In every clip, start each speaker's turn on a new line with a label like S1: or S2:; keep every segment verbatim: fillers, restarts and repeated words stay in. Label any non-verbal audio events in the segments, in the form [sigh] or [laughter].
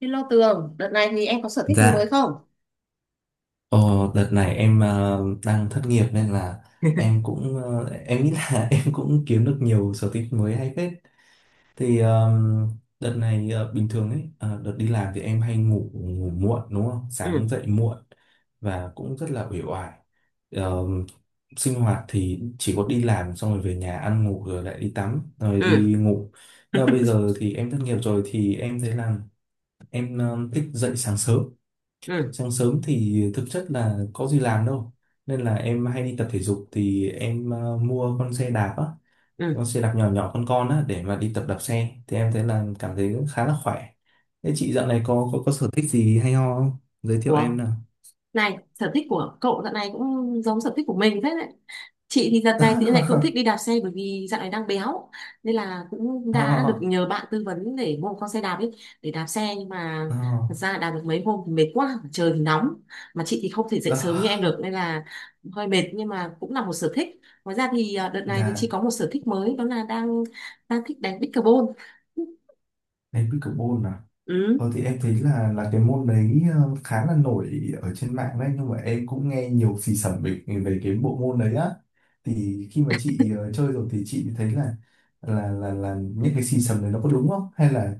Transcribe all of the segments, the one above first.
S1: Hello Tường, đợt này thì em có sở thích gì mới
S2: Dạ,
S1: không?
S2: ờ, đợt này em ờ, đang thất nghiệp nên là em cũng ờ, em nghĩ là [laughs] em cũng kiếm được nhiều sở thích mới hay phết. Thì ờ, đợt này ờ, bình thường ấy, ờ, đợt đi làm thì em hay ngủ ngủ muộn đúng không?
S1: Ừ,
S2: Sáng dậy muộn và cũng rất là uể oải. Ờ, sinh hoạt thì chỉ có đi làm xong rồi về nhà ăn ngủ rồi lại đi tắm rồi
S1: ừ.
S2: đi ngủ. Nhưng
S1: [laughs]
S2: mà bây giờ thì em thất nghiệp rồi thì em thấy là em ờ, thích dậy sáng sớm.
S1: Ừ,
S2: Sáng sớm thì thực chất là có gì làm đâu, nên là em hay đi tập thể dục thì em ờ, mua con xe đạp á,
S1: ừ.
S2: con xe đạp nhỏ nhỏ con con á để mà đi tập đạp xe thì em thấy là cảm thấy cũng khá là khỏe. Thế chị dạo này có có, có sở thích gì hay ho không, giới thiệu
S1: Ủa,
S2: em nào.
S1: này, sở thích của cậu đợt này cũng giống sở thích của mình thế đấy. Chị thì đợt này thì lại cũng thích
S2: [laughs]
S1: đi đạp xe bởi vì dạo này đang béo. Nên là cũng
S2: Ho ho
S1: đã
S2: ho
S1: được nhờ bạn tư vấn để mua một con xe đạp ấy, để đạp xe. Nhưng mà thật
S2: ho.
S1: ra đạp được mấy hôm thì mệt quá, trời thì nóng. Mà chị thì không thể dậy sớm như em được nên là hơi mệt nhưng mà cũng là một sở thích. Ngoài ra thì à, đợt này thì chị
S2: Dạ,
S1: có một sở thích mới đó là đang đang thích đánh pickleball.
S2: đánh pickleball.
S1: Ừ.
S2: Thôi thì em thấy là là cái môn đấy ờ, khá là nổi ở trên mạng đấy, nhưng mà em cũng nghe nhiều xì xẩm về về cái bộ môn đấy á, thì khi mà chị ờ, chơi rồi thì chị thấy là là là là những cái xì xẩm đấy nó có đúng không, hay là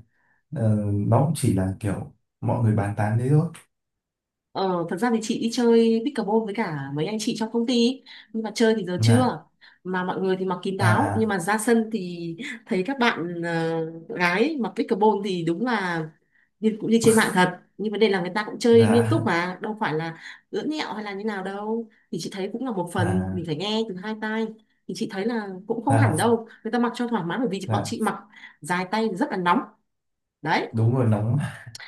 S2: ờ, nó cũng chỉ là kiểu mọi người bàn tán thế thôi.
S1: Ờ, thật ra thì chị đi chơi pickleball với cả mấy anh chị trong công ty ý. Nhưng mà chơi thì giờ
S2: Dạ.
S1: chưa mà mọi người thì mặc kín
S2: À
S1: đáo nhưng
S2: à.
S1: mà ra sân thì thấy các bạn ờ, gái mặc pickleball thì đúng là như, cũng như trên mạng thật nhưng vấn đề là người ta cũng chơi nghiêm túc
S2: Dạ.
S1: mà đâu phải là ưỡn nhẹo hay là như nào đâu thì chị thấy cũng là một phần
S2: À.
S1: mình phải nghe từ hai tai thì chị thấy là cũng không
S2: Dạ.
S1: hẳn đâu người ta mặc cho thoải mái bởi vì bọn chị
S2: Dạ.
S1: mặc dài tay thì rất là nóng đấy
S2: Đúng rồi, nóng.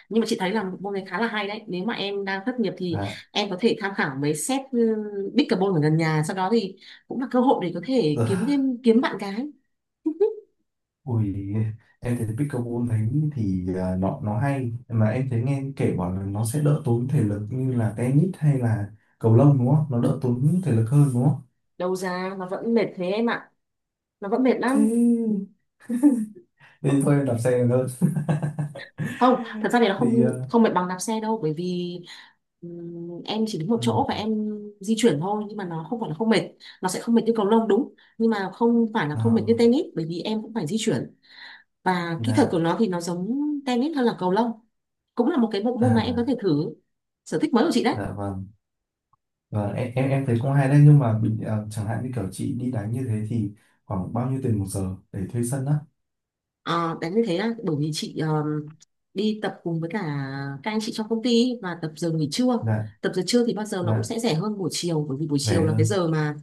S1: nhưng mà chị thấy là một môn này khá là hay đấy nếu mà em đang thất nghiệp thì
S2: Dạ.
S1: em có thể tham khảo mấy set ừ, pickleball ở gần nhà sau đó thì cũng là cơ hội để có thể kiếm
S2: Ờ.
S1: thêm kiếm bạn gái
S2: Ui, em thấy pickleball thấy thì à, nó nó hay mà em thấy nghe kể bảo là nó sẽ đỡ tốn thể lực như là tennis hay là cầu lông đúng không? Nó đỡ tốn thể lực hơn đúng không?
S1: đầu ra nó vẫn mệt thế em ạ, nó vẫn mệt lắm.
S2: Thế thì thôi em đạp xe hơn. [laughs]
S1: Không thật ra thì nó
S2: Thì à.
S1: không không mệt bằng đạp xe đâu bởi vì ừm, em chỉ đứng một chỗ và
S2: Ừ.
S1: em di chuyển thôi nhưng mà nó không phải là không mệt, nó sẽ không mệt như cầu lông đúng nhưng mà không phải là không mệt như
S2: Nào.
S1: tennis bởi vì em cũng phải di chuyển và kỹ thuật
S2: Dạ.
S1: của nó thì nó giống tennis hơn là cầu lông, cũng là một cái bộ môn mà em có
S2: À.
S1: thể thử, sở thích mới của chị đấy.
S2: Dạ, vâng, vâng, em em em thấy cũng hay đấy, nhưng mà bình ờ, chẳng hạn như kiểu chị đi đánh như thế thì khoảng bao nhiêu tiền một giờ để thuê sân á?
S1: Ờ, tại như thế á, bởi vì chị ờm, đi tập cùng với cả các anh chị trong công ty và tập giờ nghỉ trưa.
S2: Dạ.
S1: Tập giờ trưa thì bao giờ nó cũng
S2: Dạ,
S1: sẽ rẻ hơn buổi chiều bởi vì buổi
S2: rẻ
S1: chiều là cái
S2: hơn.
S1: giờ mà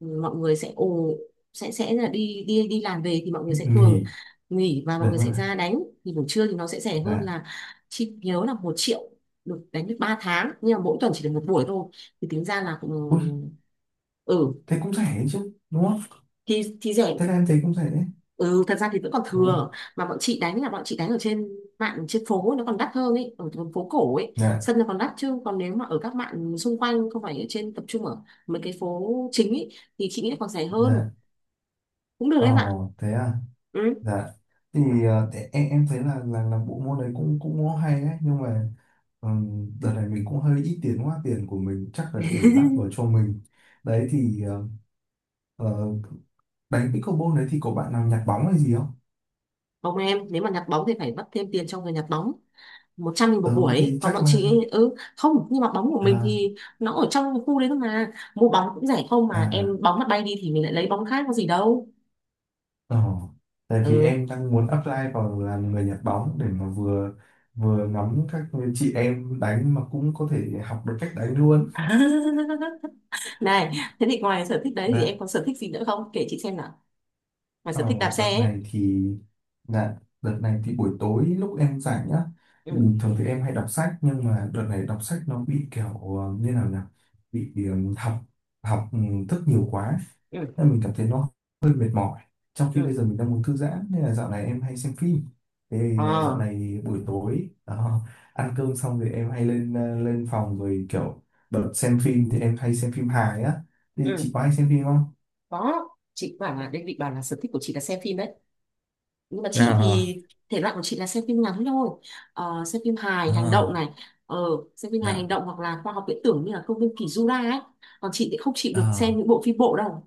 S1: mọi người sẽ ồ sẽ sẽ là đi đi đi làm về thì mọi người sẽ thường
S2: Nghỉ.
S1: nghỉ và mọi
S2: Đúng
S1: người sẽ
S2: rồi.
S1: ra đánh, thì buổi trưa thì nó sẽ rẻ hơn
S2: Dạ.
S1: là chị nhớ là một triệu được đánh được ba tháng nhưng mà mỗi tuần chỉ được một buổi thôi, thì tính ra là
S2: Ui,
S1: cũng ừ
S2: thế cũng rẻ chứ đúng không?
S1: thì thì rẻ.
S2: Thế là em thấy cũng thế.
S1: Ừ thật ra thì vẫn còn
S2: Ừ.
S1: thừa mà bọn chị đánh là bọn chị đánh ở trên mạng trên phố nó còn đắt hơn ấy, ở đường phố cổ ấy
S2: Dạ,
S1: sân nó còn đắt chứ còn nếu mà ở các mạng xung quanh không phải ở trên tập trung ở mấy cái phố chính ấy thì chị nghĩ là còn rẻ hơn,
S2: dạ.
S1: cũng được em ạ.
S2: Ồ, thế à.
S1: Ừ.
S2: Dạ. Thì ờ, thế em em thấy là là là bộ môn đấy cũng cũng hay đấy, nhưng mà ừm, đợt này mình cũng hơi ít tiền quá, tiền của mình chắc là để đắp vào cho mình. Đấy thì ờ, ờ, đánh pickleball đấy thì có bạn nào nhặt bóng hay gì không?
S1: Ông em nếu mà nhặt bóng thì phải mất thêm tiền cho người nhặt bóng một trăm nghìn một
S2: Ừ,
S1: buổi
S2: thì
S1: ấy. Còn
S2: chắc
S1: bọn
S2: là.
S1: chị ấy, ừ không nhưng mà bóng của mình
S2: À.
S1: thì nó ở trong khu đấy thôi mà mua bóng cũng rẻ không mà em,
S2: À.
S1: bóng mà bay đi thì mình lại lấy bóng khác có gì đâu.
S2: Ồ. Tại vì
S1: Ừ.
S2: em đang muốn apply vào làm người nhặt bóng để mà vừa vừa ngắm các chị em đánh mà cũng có thể học được cách đánh luôn.
S1: [laughs] Này, [laughs] thế thì ngoài sở thích đấy thì
S2: Dạ.
S1: em có sở thích gì nữa không? Kể chị xem nào. Ngoài sở
S2: Ờ,
S1: thích đạp xe
S2: đợt
S1: ấy.
S2: này thì, dạ, đợt này thì buổi tối lúc em rảnh nhá, thì
S1: Ừ,
S2: bình thường thì em hay đọc sách, nhưng mà đợt này đọc sách nó bị kiểu ờ, như nào nhỉ, bị ừm, học học ừm, thức nhiều quá,
S1: ừ,
S2: nên mình cảm thấy nó hơi mệt mỏi, trong khi bây
S1: ừ.
S2: giờ mình đang muốn thư giãn, nên là dạo này em hay xem phim. Thế ờ, dạo
S1: À,
S2: này buổi tối đó, [laughs] ăn cơm xong thì em hay lên ờ, lên phòng rồi kiểu bật xem phim, thì em hay xem phim hài á, thì chị
S1: ừ,
S2: có hay xem phim không?
S1: có. Chị bảo là, Đinh định bảo là sở thích của chị là xem phim đấy. Nhưng mà chị
S2: À.
S1: thì thể loại của chị là xem phim ngắn thôi. Ờ, xem phim hài, hành động
S2: À.
S1: này. Ờ, xem phim hài, hành
S2: Dạ.
S1: động hoặc là khoa học viễn tưởng như là công viên Kỳ Jura ấy. Còn chị thì không chịu được xem
S2: À.
S1: những bộ phim bộ đâu.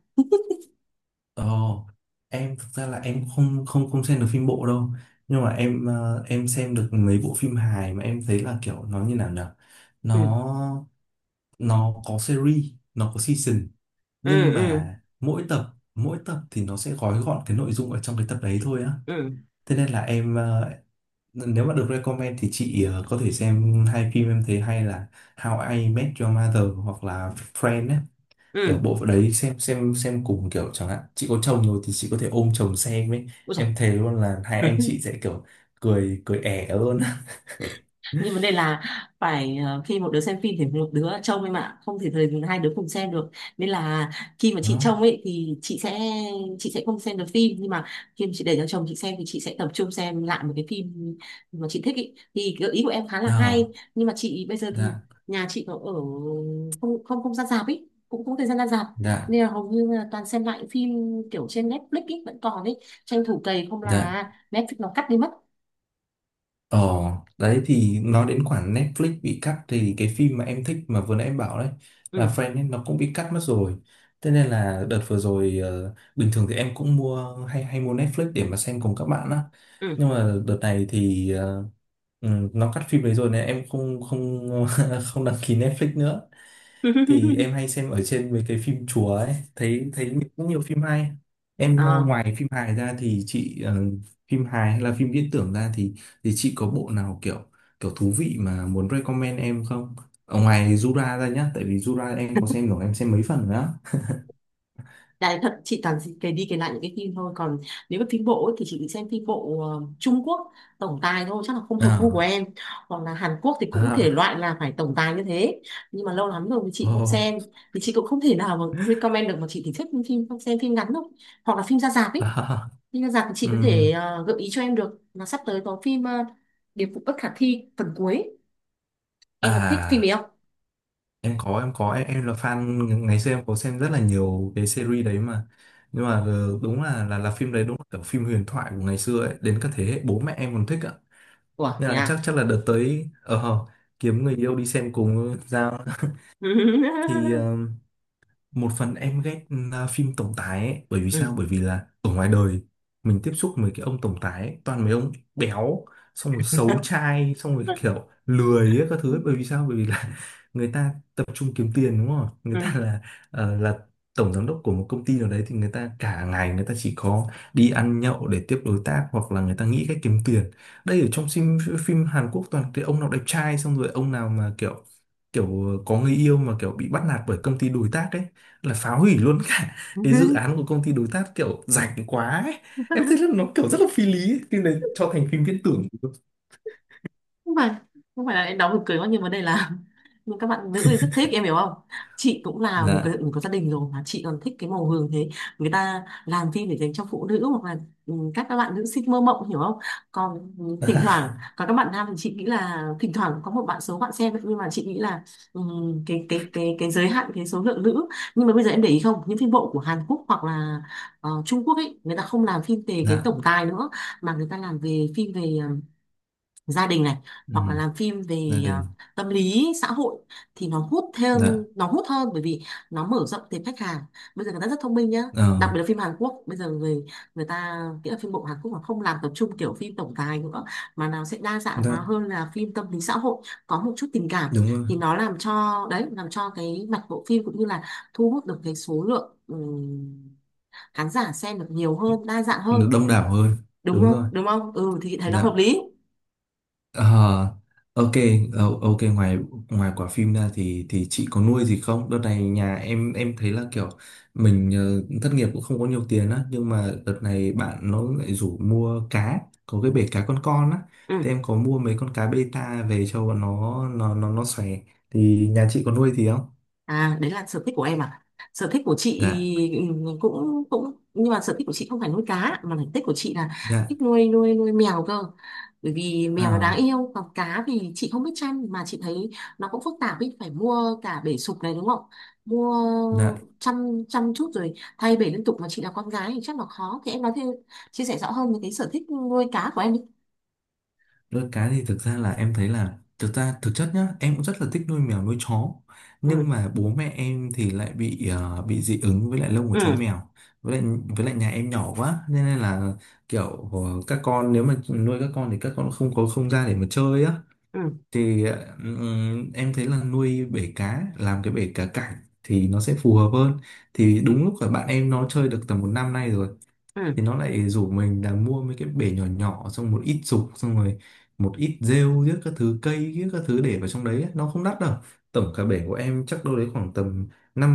S2: Ồ, em thực ra là em không không không xem được phim bộ đâu, nhưng mà em ờ, em xem được mấy bộ phim hài mà em thấy là kiểu nó như nào nhở, nó
S1: Ừ,
S2: nó có series, nó có season,
S1: ừ,
S2: nhưng
S1: ừ,
S2: mà mỗi tập mỗi tập thì nó sẽ gói gọn cái nội dung ở trong cái tập đấy thôi á.
S1: ừ,
S2: Thế nên là em ờ, nếu mà được recommend thì chị ờ, có thể xem hai phim em thấy hay là How I Met Your Mother hoặc là Friends á, kiểu
S1: ừ.
S2: bộ phận đấy xem xem xem cùng, kiểu chẳng hạn chị có chồng rồi thì chị có thể ôm chồng xem ấy,
S1: Ôi giời.
S2: em thề luôn là hai anh chị
S1: [laughs]
S2: sẽ kiểu cười cười ẻ luôn. [laughs]
S1: Nhưng vấn đề là phải ờ, khi một đứa xem phim thì một đứa trông em ạ, không thể thời hai đứa cùng xem được nên là khi mà chị
S2: Đó.
S1: trông ấy thì chị sẽ chị sẽ không xem được phim nhưng mà khi mà chị để cho chồng chị xem thì chị sẽ tập trung xem lại một cái phim mà chị thích ý. Thì gợi ý của em khá là hay
S2: Đó.
S1: nhưng mà chị bây giờ thì
S2: Dạ.
S1: nhà chị có ở không không không ra rạp ấy cũng không thời gian ra rạp
S2: Dạ.
S1: nên là hầu như là toàn xem lại phim kiểu trên Netflix ấy vẫn còn ấy, tranh thủ cày không
S2: Dạ.
S1: là Netflix nó cắt đi mất.
S2: Ờ, đấy thì nói đến khoản Netflix bị cắt thì cái phim mà em thích mà vừa nãy em bảo đấy là
S1: Ừ.
S2: Friends ấy, nó cũng bị cắt mất rồi. Thế nên là đợt vừa rồi ờ, bình thường thì em cũng mua hay hay mua Netflix để mà xem cùng các bạn á.
S1: Ừ.
S2: Nhưng mà đợt này thì ờ, ừ, nó cắt phim đấy rồi nên em không không [laughs] không đăng ký Netflix nữa, thì
S1: [laughs]
S2: em hay xem ở trên mấy cái phim chùa ấy, thấy thấy cũng nhiều phim hay. Em ờ,
S1: À.
S2: ngoài phim hài ra thì chị ờ, phim hài hay là phim viễn tưởng ra thì thì chị có bộ nào kiểu kiểu thú vị mà muốn recommend em không, ở ngoài Jura ra nhá, tại vì Jura em có xem rồi, em xem mấy phần nữa.
S1: Đấy, thật chị toàn dị- cái đi kể lại những cái phim thôi còn nếu mà phim bộ ấy, thì chị chỉ xem phim bộ ờ, Trung Quốc tổng tài thôi chắc là không hợp gu của
S2: À.
S1: em, hoặc là Hàn Quốc thì cũng thể
S2: À.
S1: loại là phải tổng tài như thế nhưng mà lâu lắm rồi thì
S2: [laughs]
S1: chị không xem
S2: Oh.
S1: thì chị cũng không thể nào mà recommend được mà chị thì thích phim xem phim ngắn thôi hoặc là phim ra rạp ấy,
S2: À.
S1: phim ra rạp thì chị có
S2: ừm,
S1: thể ờ, gợi ý cho em được là sắp tới có phim ờ, Điệp vụ bất khả thi phần cuối, em có thích phim ấy
S2: à,
S1: không?
S2: em có em có em, em là fan, ngày xưa em có xem rất là nhiều cái series đấy mà, nhưng mà ờ, đúng là là là phim đấy đúng là kiểu phim huyền thoại của ngày xưa ấy, đến các thế hệ bố mẹ em còn thích ạ,
S1: Ủa,
S2: nên
S1: thế
S2: là chắc
S1: à?
S2: chắc là đợt tới ờ ờ, kiếm người yêu đi xem cùng Giao. [laughs] Thì
S1: [laughs]
S2: ờ, một phần em ghét, à, phim tổng tài ấy, bởi vì sao,
S1: Ừ.
S2: bởi vì là ở ngoài đời mình tiếp xúc với cái ông tổng tài ấy, toàn mấy ông béo, xong rồi xấu
S1: [laughs]
S2: trai, xong rồi kiểu lười ấy, các thứ ấy. Bởi vì sao, bởi vì là [laughs] người ta tập trung kiếm tiền đúng không, người
S1: Ừ.
S2: ta là ờ, là tổng giám đốc của một công ty nào đấy, thì người ta cả ngày người ta chỉ có đi ăn nhậu để tiếp đối tác, hoặc là người ta nghĩ cách kiếm tiền, đây ở trong phim. Phim Hàn Quốc toàn cái ông nào đẹp trai, xong rồi ông nào mà kiểu kiểu có người yêu mà kiểu bị bắt nạt bởi công ty đối tác ấy, là phá hủy luôn cả cái dự
S1: [laughs]
S2: án của công ty đối tác, kiểu rảnh quá ấy.
S1: Ừ.
S2: Em thấy là nó kiểu rất là phi lý ấy. Phim này cho thành phim viễn tưởng luôn.
S1: không phải không phải là em đóng buồn cười quá nhưng vấn đề là [laughs] nhưng các bạn nữ thì rất thích em hiểu không, chị cũng là một cái
S2: Dạ.
S1: mình có gia đình rồi mà chị còn thích cái màu hường thế, người ta làm phim để dành cho phụ nữ hoặc là ừ, các các bạn nữ sinh mơ mộng hiểu không, còn ừ, thỉnh thoảng còn các bạn nam thì chị nghĩ là thỉnh thoảng có một bạn số bạn xem nhưng mà chị nghĩ là ừ, cái cái cái cái giới hạn cái số lượng nữ, nhưng mà bây giờ em để ý không những phim bộ của Hàn Quốc hoặc là ờ, Trung Quốc ấy người ta không làm phim về cái
S2: Dạ.
S1: tổng tài nữa mà người ta làm về phim về ờ, gia đình này hoặc là
S2: Ừ,
S1: làm phim
S2: gia
S1: về à,
S2: đình.
S1: tâm lý xã hội thì nó hút theo,
S2: Dạ.
S1: nó hút hơn bởi vì nó mở rộng tệp khách hàng, bây giờ người ta rất thông minh nhá,
S2: Ờ.
S1: đặc biệt là phim Hàn Quốc bây giờ người người ta nghĩa là phim bộ Hàn Quốc mà không làm tập trung kiểu phim tổng tài nữa mà nào sẽ đa dạng hóa
S2: Dạ,
S1: hơn là phim tâm lý xã hội, có một chút tình cảm
S2: đúng rồi,
S1: thì nó làm cho đấy làm cho cái mặt bộ phim cũng như là thu hút được cái số lượng ừm, khán giả xem được nhiều hơn đa dạng hơn
S2: nó đông đảo hơn.
S1: đúng
S2: Đúng
S1: không
S2: rồi.
S1: đúng không ừ thì thấy nó hợp
S2: Dạ.
S1: lý.
S2: Ờ, ok. ờ, ok, ngoài ngoài quả phim ra thì thì chị có nuôi gì không? Đợt này nhà em em thấy là kiểu mình ờ, thất nghiệp cũng không có nhiều tiền á, nhưng mà đợt này bạn nó lại rủ mua cá, có cái bể cá con con á,
S1: Ừ.
S2: thì em có mua mấy con cá beta về cho bọn nó nó nó nó xòe, thì nhà chị có nuôi gì không?
S1: À, đấy là sở thích của em à? Sở thích của chị
S2: Dạ.
S1: ừ, cũng cũng nhưng mà sở thích của chị không phải nuôi cá mà sở thích của chị là thích
S2: Dạ.
S1: nuôi nuôi nuôi mèo cơ. Bởi vì mèo nó đáng
S2: À.
S1: yêu, còn cá thì chị không biết chăm mà chị thấy nó cũng phức tạp ý, phải mua cả bể sục này đúng không? Mua
S2: Dạ.
S1: chăm chăm chút rồi thay bể liên tục mà chị là con gái thì chắc là khó. Thì em nói thêm chia sẻ rõ hơn về cái sở thích nuôi cá của em đi.
S2: Nuôi cái thì thực ra là em thấy là, thực ra thực chất nhá, em cũng rất là thích nuôi mèo nuôi chó, nhưng
S1: Ừ,
S2: mà bố mẹ em thì lại bị ờ, bị dị ứng với lại lông của chó
S1: ừ,
S2: mèo, với lại với lại nhà em nhỏ quá nên là kiểu ờ, các con, nếu mà nuôi các con thì các con không có không gian để mà chơi á,
S1: ừ,
S2: thì ờ, ừm, em thấy là nuôi bể cá, làm cái bể cá cảnh thì nó sẽ phù hợp hơn, thì đúng lúc là bạn em nó chơi được tầm một năm nay rồi,
S1: ừ.
S2: thì nó lại rủ mình là mua mấy cái bể nhỏ nhỏ, xong một ít dục, xong rồi một ít rêu giết các thứ cây giết các thứ để vào trong đấy ấy. Nó không đắt đâu, tổng cả bể của em chắc đâu đấy khoảng tầm năm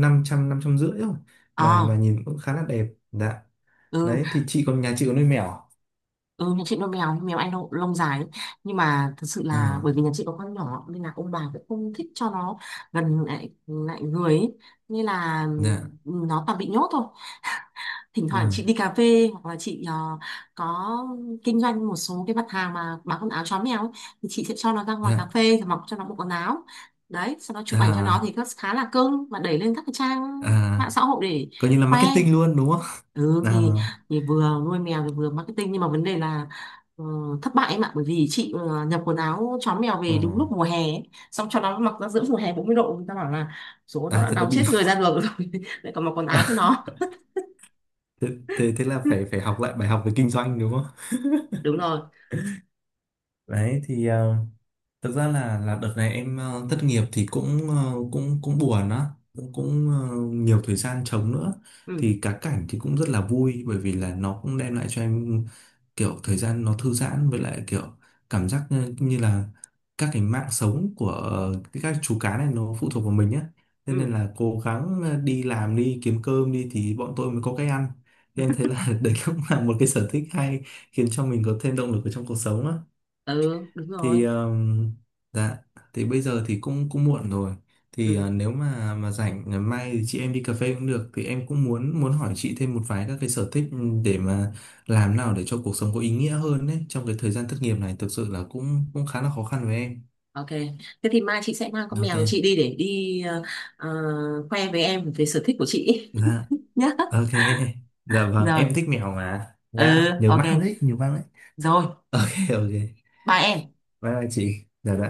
S2: năm trăm, năm trăm rưỡi thôi, mà mà
S1: À,
S2: nhìn cũng khá là đẹp. Dạ,
S1: ừ.
S2: đấy thì, chị còn nhà chị có nuôi mèo à?
S1: Ừ, nhà chị nuôi mèo, mèo anh lông, lông dài ấy. Nhưng mà thật sự
S2: Ờ.
S1: là bởi vì nhà chị có con nhỏ nên là ông bà cũng không thích cho nó gần lại lại người ấy. Nên là
S2: Dạ.
S1: ừ, nó toàn bị nhốt thôi, thỉnh thoảng chị
S2: Dạ.
S1: đi cà phê hoặc là chị ờ, có kinh doanh một số cái mặt hàng mà bán quần áo chó mèo ấy, thì chị sẽ cho nó ra ngoài
S2: Dạ.
S1: cà phê rồi mặc cho nó bộ quần áo đấy, sau đó chụp ảnh cho nó
S2: À.
S1: thì nó khá là cưng mà đẩy lên các cái trang mạng
S2: À.
S1: xã hội để
S2: Coi như là
S1: khoe.
S2: marketing luôn đúng không.
S1: Ừ
S2: À.
S1: thì thì vừa nuôi mèo thì vừa marketing nhưng mà vấn đề là ờ, thất bại em ạ bởi vì chị ờ, nhập quần áo chó mèo
S2: Ờ.
S1: về đúng lúc mùa hè ấy. Xong cho nó mặc ra giữa mùa hè bốn mươi độ, người ta bảo là số nó
S2: À,
S1: đã
S2: thế nó
S1: nóng
S2: bị.
S1: chết người ra đường rồi [laughs] lại còn mặc quần áo cho
S2: [laughs]
S1: nó.
S2: thế, thế thế là phải
S1: [laughs]
S2: phải học lại bài học về kinh doanh đúng không?
S1: Đúng rồi.
S2: Đấy thì ờ, Thực ra là là đợt này em ờ, thất nghiệp thì cũng ờ, cũng cũng buồn á, cũng cũng ờ, nhiều thời gian trống nữa.
S1: Ừ.
S2: Thì cá cảnh thì cũng rất là vui, bởi vì là nó cũng đem lại cho em kiểu thời gian nó thư giãn, với lại kiểu cảm giác như như là các cái mạng sống của ờ, cái các chú cá này nó phụ thuộc vào mình á. Thế nên
S1: Ừ.
S2: là cố gắng ờ, đi làm đi kiếm cơm đi thì bọn tôi mới có cái ăn. Thì em thấy
S1: [laughs]
S2: là [laughs] đấy cũng là một cái sở thích hay, khiến cho mình có thêm động lực ở trong cuộc sống á,
S1: Ừ. Đúng rồi.
S2: thì ờm, dạ, thì bây giờ thì cũng cũng muộn rồi, thì
S1: Ừ.
S2: ờ, nếu mà mà rảnh ngày mai thì chị em đi cà phê cũng được, thì em cũng muốn muốn hỏi chị thêm một vài các cái sở thích, ừ, để mà làm nào để cho cuộc sống có ý nghĩa hơn đấy, trong cái thời gian thất nghiệp này thực sự là cũng cũng khá là khó khăn với em.
S1: OK, thế thì mai chị sẽ mang con mèo của chị
S2: Ok.
S1: đi để đi ờ, ờ, khoe với em về sở thích của chị
S2: Dạ,
S1: [laughs] nhé.
S2: ok. [laughs] Dạ, vâng,
S1: Rồi.
S2: em thích mèo mà
S1: Ừ.
S2: nhá, nhiều
S1: OK.
S2: mang đấy, nhiều mang đấy.
S1: Rồi.
S2: [laughs] Ok, ok.
S1: Bye em.
S2: Bye bye chị. Dạ, dạ.